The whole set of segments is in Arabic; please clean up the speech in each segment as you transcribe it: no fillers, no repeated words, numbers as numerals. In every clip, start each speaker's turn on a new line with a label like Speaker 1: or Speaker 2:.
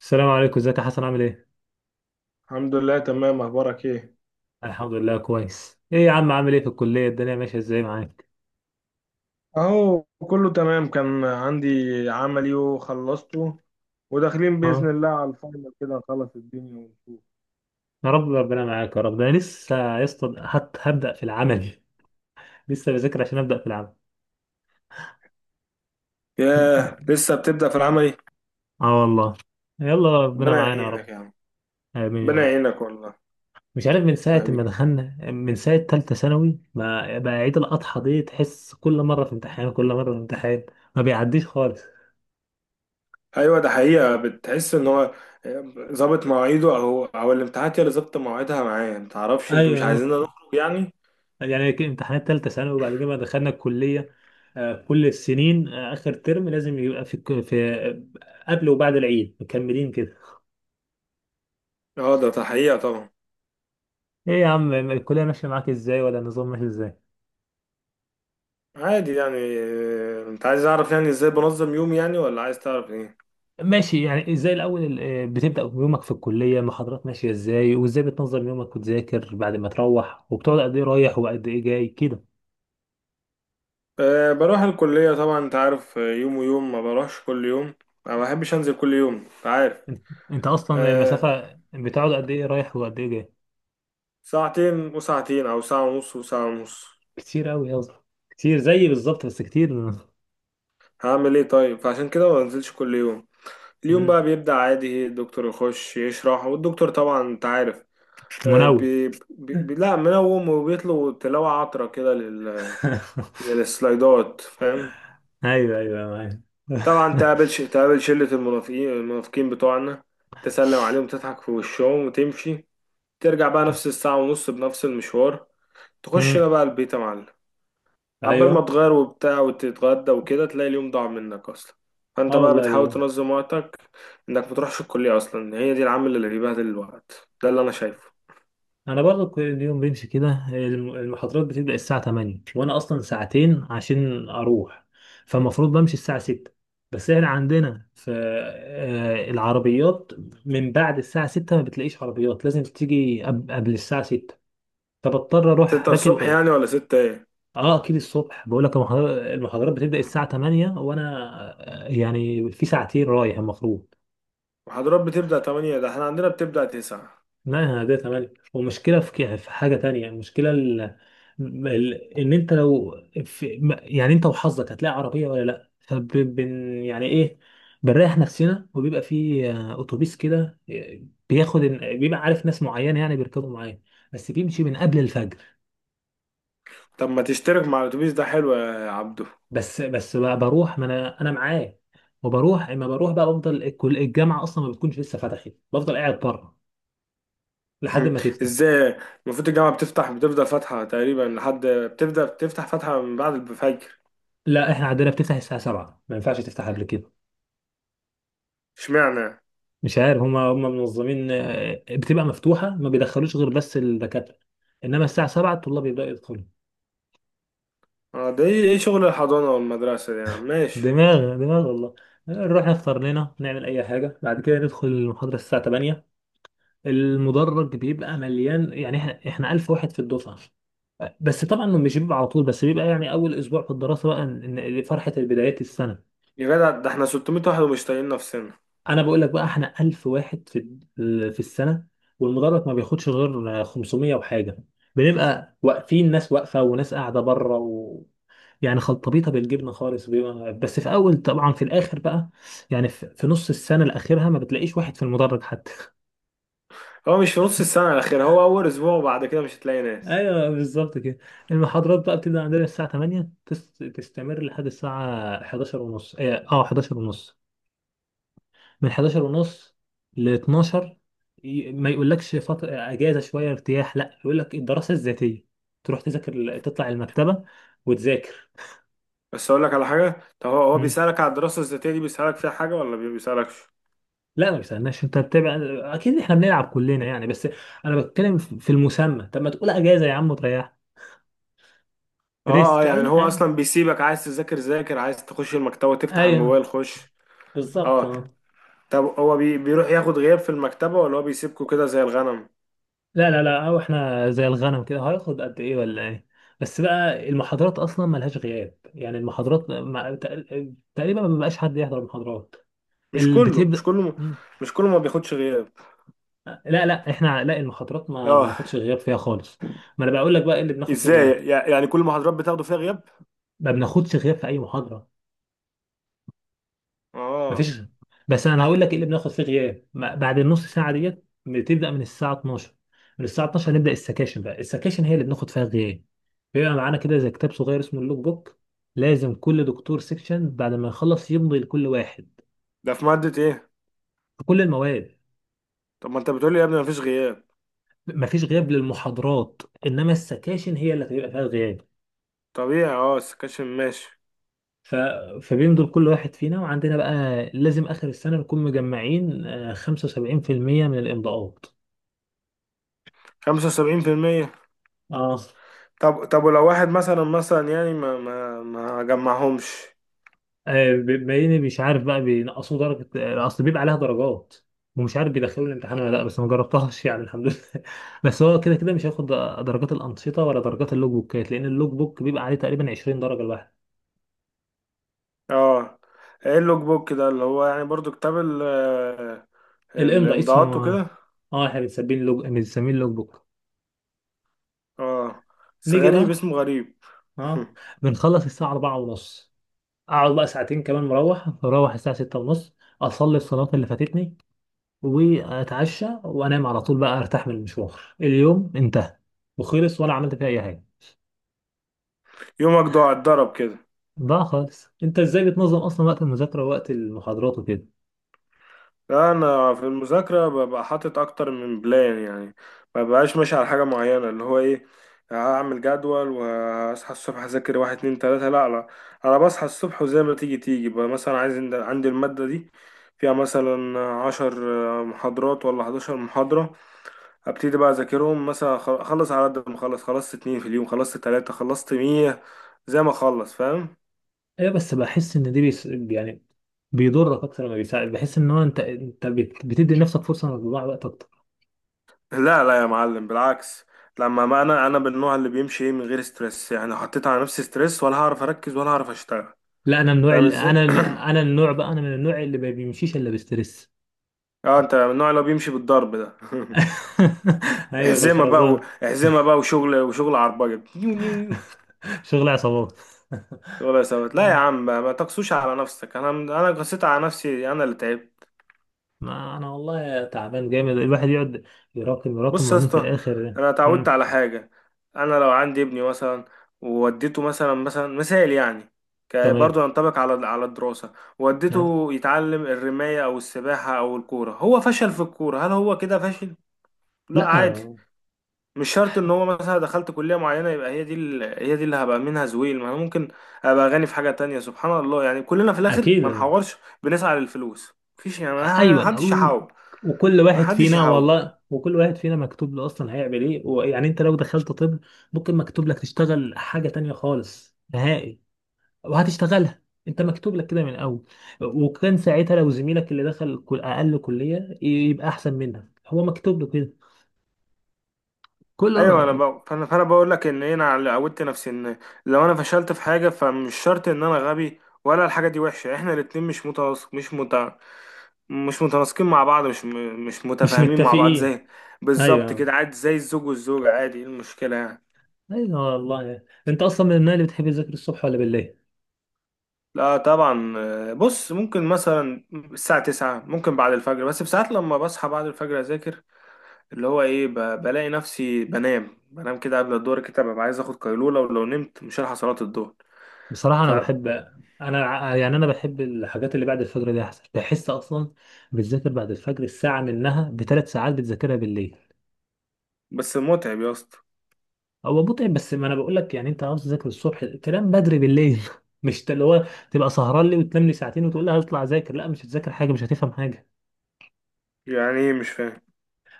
Speaker 1: السلام عليكم، ازيك يا حسن؟ عامل ايه؟
Speaker 2: الحمد لله تمام. اخبارك ايه؟
Speaker 1: الحمد لله كويس. ايه يا عم، عامل ايه في الكلية؟ الدنيا ماشية ازاي معاك؟
Speaker 2: اهو كله تمام. كان عندي عملي وخلصته، وداخلين باذن
Speaker 1: اه،
Speaker 2: الله على الفاينل، كده نخلص الدنيا ونشوف.
Speaker 1: يا رب ربنا معاك يا رب. ده انا لسه يا اسطى هبدأ في العمل. لسه بذاكر عشان أبدأ في العمل.
Speaker 2: ياه، لسه بتبدأ في العملي.
Speaker 1: اه والله، يلا ربنا
Speaker 2: ربنا
Speaker 1: معانا يا
Speaker 2: يعينك
Speaker 1: رب.
Speaker 2: يا عم.
Speaker 1: آمين يا
Speaker 2: ربنا
Speaker 1: رب.
Speaker 2: يعينك والله.
Speaker 1: مش عارف، من ساعة ما
Speaker 2: حبيبي.
Speaker 1: دخلنا، من ساعة تالتة ثانوي، ما بقى عيد الأضحى دي تحس كل مرة في امتحان كل مرة في امتحان، ما بيعديش خالص.
Speaker 2: ايوه، ده حقيقة، بتحس ان هو ظابط مواعيده او الامتحانات هي اللي ظابطة مواعيدها معاه، متعرفش، انتوا مش
Speaker 1: ايوه،
Speaker 2: عايزيننا نخرج يعني.
Speaker 1: يعني كان امتحانات تالتة ثانوي، وبعد كده بقى دخلنا الكلية. كل السنين آخر ترم لازم يبقى في في قبل وبعد العيد مكملين كده.
Speaker 2: اه، ده حقيقة طبعا.
Speaker 1: ايه يا عم، الكلية ماشية معاك ازاي؟ ولا النظام ماشي ازاي؟
Speaker 2: عادي يعني. انت عايز اعرف يعني ازاي بنظم يومي، يعني ولا عايز تعرف ايه؟
Speaker 1: ماشي. يعني ازاي الاول بتبدأ يومك في الكلية، محاضرات ماشية ازاي، وازاي بتنظم يومك وتذاكر بعد ما تروح، وبتقعد قد ايه رايح وقد ايه جاي كده؟
Speaker 2: أه، بروح الكلية طبعا، انت عارف، يوم ويوم، ما بروحش كل يوم. ما بحبش انزل كل يوم، انت عارف.
Speaker 1: انت انت اصلا
Speaker 2: أه،
Speaker 1: المسافة بتقعد قد ايه رايح وقد ايه جاي؟
Speaker 2: ساعتين وساعتين او ساعة ونص وساعة ونص.
Speaker 1: كتير قوي يا اسطى. كتير زيي بالظبط، بس كتير.
Speaker 2: هعمل ايه طيب، فعشان كده ما بنزلش كل يوم. اليوم
Speaker 1: مم.
Speaker 2: بقى بيبدأ عادي، الدكتور يخش يشرح، والدكتور طبعا انت عارف. أه
Speaker 1: منوم.
Speaker 2: بي بي بي- لا، منوم، وبيطلب تلاوة عطرة كده للسلايدات، فاهم.
Speaker 1: ايوه ايوه، معايا.
Speaker 2: طبعا تقابل شلة المنافقين، المنافقين بتوعنا، تسلم عليهم، تضحك في وشهم وتمشي. ترجع بقى نفس الساعة ونص بنفس المشوار. تخش
Speaker 1: أمم،
Speaker 2: هنا بقى البيت يا معلم. عبال ما
Speaker 1: ايوه.
Speaker 2: تغير وبتاع وتتغدى وكده، تلاقي اليوم ضاع منك أصلا. فأنت
Speaker 1: اه
Speaker 2: بقى
Speaker 1: والله
Speaker 2: بتحاول
Speaker 1: بالله.
Speaker 2: تنظم وقتك، إنك متروحش الكلية أصلا، هي دي العامل اللي بيبهدل الوقت، ده اللي أنا شايفه.
Speaker 1: انا برضو كل اليوم بمشي كده، المحاضرات بتبدا الساعه 8، وانا اصلا ساعتين عشان اروح، فالمفروض بمشي الساعه 6. بس احنا عندنا في العربيات من بعد الساعه 6 ما بتلاقيش عربيات، لازم تيجي قبل الساعه 6، فبضطر اروح
Speaker 2: ستة
Speaker 1: راكب.
Speaker 2: الصبح
Speaker 1: اه
Speaker 2: يعني، ولا ستة إيه؟
Speaker 1: اكيد الصبح، بقول لك المحاضرات بتبدا الساعه 8، وانا يعني في ساعتين رايح المفروض.
Speaker 2: محاضرات بتبدأ تمانية؟ ده احنا عندنا بتبدأ تسعة.
Speaker 1: ما هي ده تمام، ومشكلة في في حاجة تانية. المشكلة ان انت لو في... ما- يعني انت وحظك، هتلاقي عربية ولا لا، يعني ايه، بنريح نفسنا. وبيبقى في اتوبيس كده، بياخد بيبقى عارف ناس معينة يعني بيركبوا معايا، بس بيمشي من قبل الفجر.
Speaker 2: طب ما تشترك مع الأتوبيس ده، حلو يا عبدو.
Speaker 1: بس بقى بروح، ما انا معاه. وبروح، اما بروح بقى بفضل الجامعة اصلا ما بتكونش لسه فتحت، بفضل قاعد بره لحد
Speaker 2: مم.
Speaker 1: ما تفتح.
Speaker 2: ازاي؟ المفروض الجامعة بتفتح، بتفضل فاتحة تقريبا، لحد بتبدأ بتفتح فاتحة من بعد الفجر.
Speaker 1: لا احنا عندنا بتفتح الساعة 7، ما ينفعش تفتح قبل كده.
Speaker 2: اشمعنى؟
Speaker 1: مش عارف، هم منظمين. بتبقى مفتوحه، ما بيدخلوش غير بس الدكاتره، انما الساعه 7 الطلاب يبداوا يدخلوا.
Speaker 2: اه، ده ايه، إيه شغل الحضانة والمدرسة دي يا عم، ماشي.
Speaker 1: دماغ دماغ والله. نروح نفطر لنا، نعمل اي حاجه، بعد كده ندخل المحاضره الساعه 8. المدرج بيبقى مليان، يعني احنا 1000 واحد في الدفعه. بس طبعا مش بيبقى على طول، بس بيبقى يعني اول اسبوع في الدراسه بقى، إن فرحه بدايات السنه.
Speaker 2: يا جدع ده احنا 600 واحد ومش طايقين نفسنا.
Speaker 1: انا بقول لك بقى، احنا 1000 واحد في السنه، والمدرج ما بياخدش غير 500 وحاجه. بنبقى واقفين، ناس واقفه وناس قاعده بره، و… يعني خلطبيطه بالجبنه خالص. بيبقى بس في اول طبعا، في الاخر بقى يعني في نص السنه الاخيرها ما بتلاقيش واحد في المدرج حتى.
Speaker 2: هو مش في نص السنة الأخيرة، هو أول أسبوع وبعد كده مش هتلاقي ناس.
Speaker 1: ايوه بالظبط كده. المحاضرات بقى بتبدا عندنا الساعه 8، تستمر لحد الساعه 11 ونص. اه 11 ونص، من 11 ونص ل 12. ما يقولكش فترة اجازه شويه ارتياح، لا يقول لك الدراسه الذاتيه، تروح تذاكر، تطلع المكتبه وتذاكر.
Speaker 2: بس أقول لك على حاجة، طب هو
Speaker 1: مم.
Speaker 2: بيسألك على الدراسة الذاتية دي، بيسألك فيها حاجة ولا ما بيسألكش؟
Speaker 1: لا ما بيسالناش، انت بتبقى اكيد، احنا بنلعب كلنا يعني، بس انا بتكلم في المسمى. طب ما تقول اجازه يا عم وتريح.
Speaker 2: اه اه،
Speaker 1: ريسك
Speaker 2: يعني
Speaker 1: اي
Speaker 2: هو
Speaker 1: حاجه.
Speaker 2: أصلا بيسيبك، عايز تذاكر ذاكر، عايز تخش المكتبة تفتح
Speaker 1: ايوه،
Speaker 2: الموبايل خش.
Speaker 1: بالظبط
Speaker 2: اه.
Speaker 1: اه.
Speaker 2: طب هو بي بيروح ياخد غياب في المكتبة ولا هو بيسيبكوا كده زي الغنم؟
Speaker 1: لا لا لا، او احنا زي الغنم كده هياخد قد ايه ولا ايه. بس بقى المحاضرات اصلا ملهاش غياب، يعني المحاضرات تقريبا ما بيبقاش حد يحضر المحاضرات.
Speaker 2: مش كله، مش
Speaker 1: بتبدا.
Speaker 2: كله.
Speaker 1: مم.
Speaker 2: مش كله ما بياخدش غياب.
Speaker 1: لا لا، احنا لا، المحاضرات ما
Speaker 2: اه.
Speaker 1: بناخدش غياب فيها خالص. ما انا بقول لك بقى، ايه اللي بناخد فيه غياب؟
Speaker 2: ازاي يعني، كل المحاضرات بتاخدوا فيها غياب؟
Speaker 1: ما بناخدش غياب في اي محاضره، ما
Speaker 2: اه.
Speaker 1: فيش. بس انا هقول لك ايه اللي بناخد فيه غياب. بعد النص ساعه ديت، بتبدا من الساعه 12، من الساعه 12 هنبدا السكاشن بقى. السكاشن هي اللي بناخد فيها غياب. بيبقى معانا كده زي كتاب صغير اسمه اللوك بوك، لازم كل دكتور سيكشن بعد ما يخلص يمضي لكل واحد.
Speaker 2: ده في مادة ايه؟
Speaker 1: في كل المواد.
Speaker 2: طب ما انت بتقولي يا ابني مفيش غياب.
Speaker 1: مفيش غياب للمحاضرات، انما السكاشن هي اللي هتبقى فيها الغياب.
Speaker 2: طبيعي، اه، السكاشن ماشي.
Speaker 1: ف... فبين دول كل واحد فينا، وعندنا بقى لازم آخر السنة نكون مجمعين 75% من الإمضاءات.
Speaker 2: خمسة وسبعين في المية.
Speaker 1: اه
Speaker 2: طب ولو واحد مثلا مثلا يعني ما جمعهمش.
Speaker 1: بما إني مش عارف بقى، بينقصوا درجة أصل بيبقى عليها درجات، ومش عارف بيدخلوا الامتحان ولا لا، بس ما جربتهاش يعني الحمد لله. بس هو كده كده مش هياخد درجات الأنشطة ولا درجات اللوج بوكات، لأن اللوج بوك بيبقى عليه تقريبا 20 درجة الواحد.
Speaker 2: اه. ايه اللوج بوك ده، اللي هو يعني برضو كتاب
Speaker 1: الإمضاء اسمه،
Speaker 2: الامضاءات وكده.
Speaker 1: اه، احنا بنسميه اللوج بوك.
Speaker 2: اه. بس
Speaker 1: نيجي
Speaker 2: غريب،
Speaker 1: بقى.
Speaker 2: اسمه غريب.
Speaker 1: اه، بنخلص الساعة 4 ونص، اقعد بقى ساعتين كمان مروح، اروح الساعه 6 ونص، اصلي الصلاه اللي فاتتني، واتعشى وانام على طول بقى، ارتاح من المشوار، اليوم انتهى وخلص ولا عملت فيه اي حاجه.
Speaker 2: يومك ضاع، اتضرب كده.
Speaker 1: ضاع خالص. انت ازاي بتنظم اصلا وقت المذاكره ووقت المحاضرات وكده؟
Speaker 2: لا، انا في المذاكره ببقى حاطط اكتر من بلان يعني. ما ببقاش ماشي على حاجه معينه، اللي هو ايه، هعمل جدول واصحى الصبح اذاكر واحد اتنين تلاته، لا لا. انا بصحى الصبح وزي ما تيجي تيجي بقى. مثلا عايز، عندي الماده دي فيها مثلا عشر محاضرات ولا حداشر محاضره، ابتدي بقى اذاكرهم، مثلا اخلص على قد ما اخلص، خلصت اتنين في اليوم، خلصت تلاته، خلصت مية، زي ما اخلص، فاهم.
Speaker 1: ايوه، بس بحس ان دي يعني بيضرك اكتر ما بيساعد. بحس ان هو انت، بتدي لنفسك فرصه انك تضيع وقت اكتر.
Speaker 2: لا لا يا معلم، بالعكس. لما، ما انا انا من النوع اللي بيمشي ايه، من غير ستريس يعني. لو حطيت على نفسي ستريس ولا هعرف اركز ولا هعرف اشتغل،
Speaker 1: لا انا من النوع
Speaker 2: فاهم
Speaker 1: ال- انا
Speaker 2: ازاي.
Speaker 1: انا النوع بقى، انا من النوع اللي ما بيمشيش الا بستريس.
Speaker 2: اه، انت من النوع اللي هو بيمشي بالضرب ده.
Speaker 1: ايوه،
Speaker 2: احزمه بقى و-
Speaker 1: بالخرزانه.
Speaker 2: احزمه بقى وشغل، وشغل عربجه نيو نيو نيو.
Speaker 1: شغل عصابات.
Speaker 2: ولا يا ثبت، لا يا عم، ما تقسوش على نفسك، انا قسيت على نفسي، انا اللي تعبت.
Speaker 1: ما انا والله تعبان جامد، الواحد يقعد يراكم يراكم
Speaker 2: بص يا
Speaker 1: وبعدين في
Speaker 2: اسطى،
Speaker 1: الاخر.
Speaker 2: انا اتعودت
Speaker 1: مم.
Speaker 2: على حاجه. انا لو عندي ابني مثلا، ووديته مثلا، مثلا مثال يعني،
Speaker 1: تمام.
Speaker 2: برضه ينطبق على الدراسه.
Speaker 1: يعني.
Speaker 2: وديته يتعلم الرمايه او السباحه او الكوره، هو فشل في الكوره، هل هو كده فاشل؟ لا
Speaker 1: لا.
Speaker 2: عادي، مش شرط ان هو مثلا دخلت كليه معينه يبقى هي دي اللي هبقى منها زويل، ما انا ممكن ابقى غني في حاجه تانية، سبحان الله. يعني كلنا في الاخر ما
Speaker 1: اكيد.
Speaker 2: نحورش، بنسعى للفلوس. مفيش يعني، ما
Speaker 1: ايوه
Speaker 2: حدش
Speaker 1: أو-
Speaker 2: يحاول،
Speaker 1: وكل
Speaker 2: ما
Speaker 1: واحد
Speaker 2: حدش
Speaker 1: فينا
Speaker 2: يحاول.
Speaker 1: والله، وكل واحد فينا مكتوب له اصلا هيعمل ايه. ويعني انت لو دخلت طب، ممكن مكتوب لك تشتغل حاجه تانية خالص نهائي، وهتشتغلها. انت مكتوب لك كده من الاول. وكان ساعتها لو زميلك اللي دخل اقل كليه يبقى احسن منك، هو مكتوب له كده.
Speaker 2: ايوه، انا
Speaker 1: كله.
Speaker 2: ب... فانا فانا بقول لك ان انا اللي عودت نفسي ان لو انا فشلت في حاجه، فمش شرط ان انا غبي، ولا الحاجه دي وحشه، احنا الاتنين مش متناسقين مع بعض، مش
Speaker 1: مش
Speaker 2: متفاهمين مع بعض،
Speaker 1: متفقين.
Speaker 2: زي، بالظبط
Speaker 1: ايوه.
Speaker 2: كده، عادي، زي الزوج والزوجه، عادي، ايه المشكله يعني.
Speaker 1: ايوه والله. انت اصلا من النوع اللي بتحب تذاكر الصبح ولا بالليل؟
Speaker 2: لا طبعا، بص، ممكن مثلا الساعة تسعة، ممكن بعد الفجر بس بساعات، لما بصحى بعد الفجر أذاكر. اللي هو إيه، بلاقي نفسي بنام، بنام كده قبل الظهر، كده ببقى عايز آخد قيلولة، ولو نمت مش هلحق صلاة الظهر.
Speaker 1: بصراحه انا بحب، انا يعني انا بحب الحاجات اللي بعد الفجر دي احسن، بحس اصلا بتذاكر بعد الفجر الساعه منها بثلاث ساعات بتذاكرها بالليل.
Speaker 2: بس متعب يا اسطى.
Speaker 1: هو متعب، بس ما انا بقول لك يعني، انت عاوز تذاكر الصبح تنام بدري بالليل. مش اللي هو تبقى سهران لي وتنام لي ساعتين وتقول لي هطلع اذاكر، لا مش هتذاكر حاجه، مش هتفهم حاجه.
Speaker 2: يعني ايه، مش فاهم.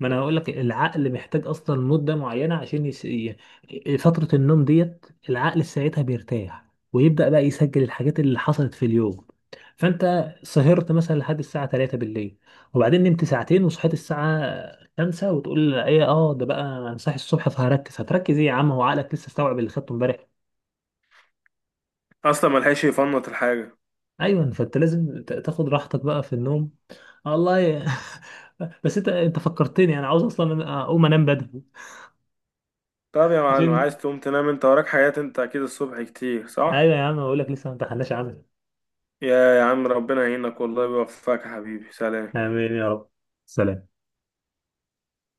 Speaker 1: ما انا هقول لك، العقل محتاج اصلا مده معينه عشان فتره النوم ديت العقل ساعتها بيرتاح، ويبدا بقى يسجل الحاجات اللي حصلت في اليوم. فانت سهرت مثلا لحد الساعه 3 بالليل، وبعدين نمت ساعتين وصحيت الساعه 5، وتقول ايه، اه ده بقى انا صاحي الصبح فهركز، هتركز ايه يا عم، هو عقلك لسه استوعب اللي خدته امبارح.
Speaker 2: اصلا ملحقش يفنط الحاجه.
Speaker 1: ايوه، فانت لازم تاخد راحتك بقى في النوم، والله. بس انت فكرتني، انا عاوز اصلا اقوم انام بدري
Speaker 2: طب يا معلم،
Speaker 1: عشان.
Speaker 2: عايز تقوم تنام، انت وراك حاجات، انت اكيد الصبح كتير، صح؟
Speaker 1: ايوه يا عم، بقول لك لسه ما امتحناش عنها.
Speaker 2: يا عم ربنا يعينك والله، ويوفقك يا حبيبي، سلام.
Speaker 1: امين يا رب، سلام.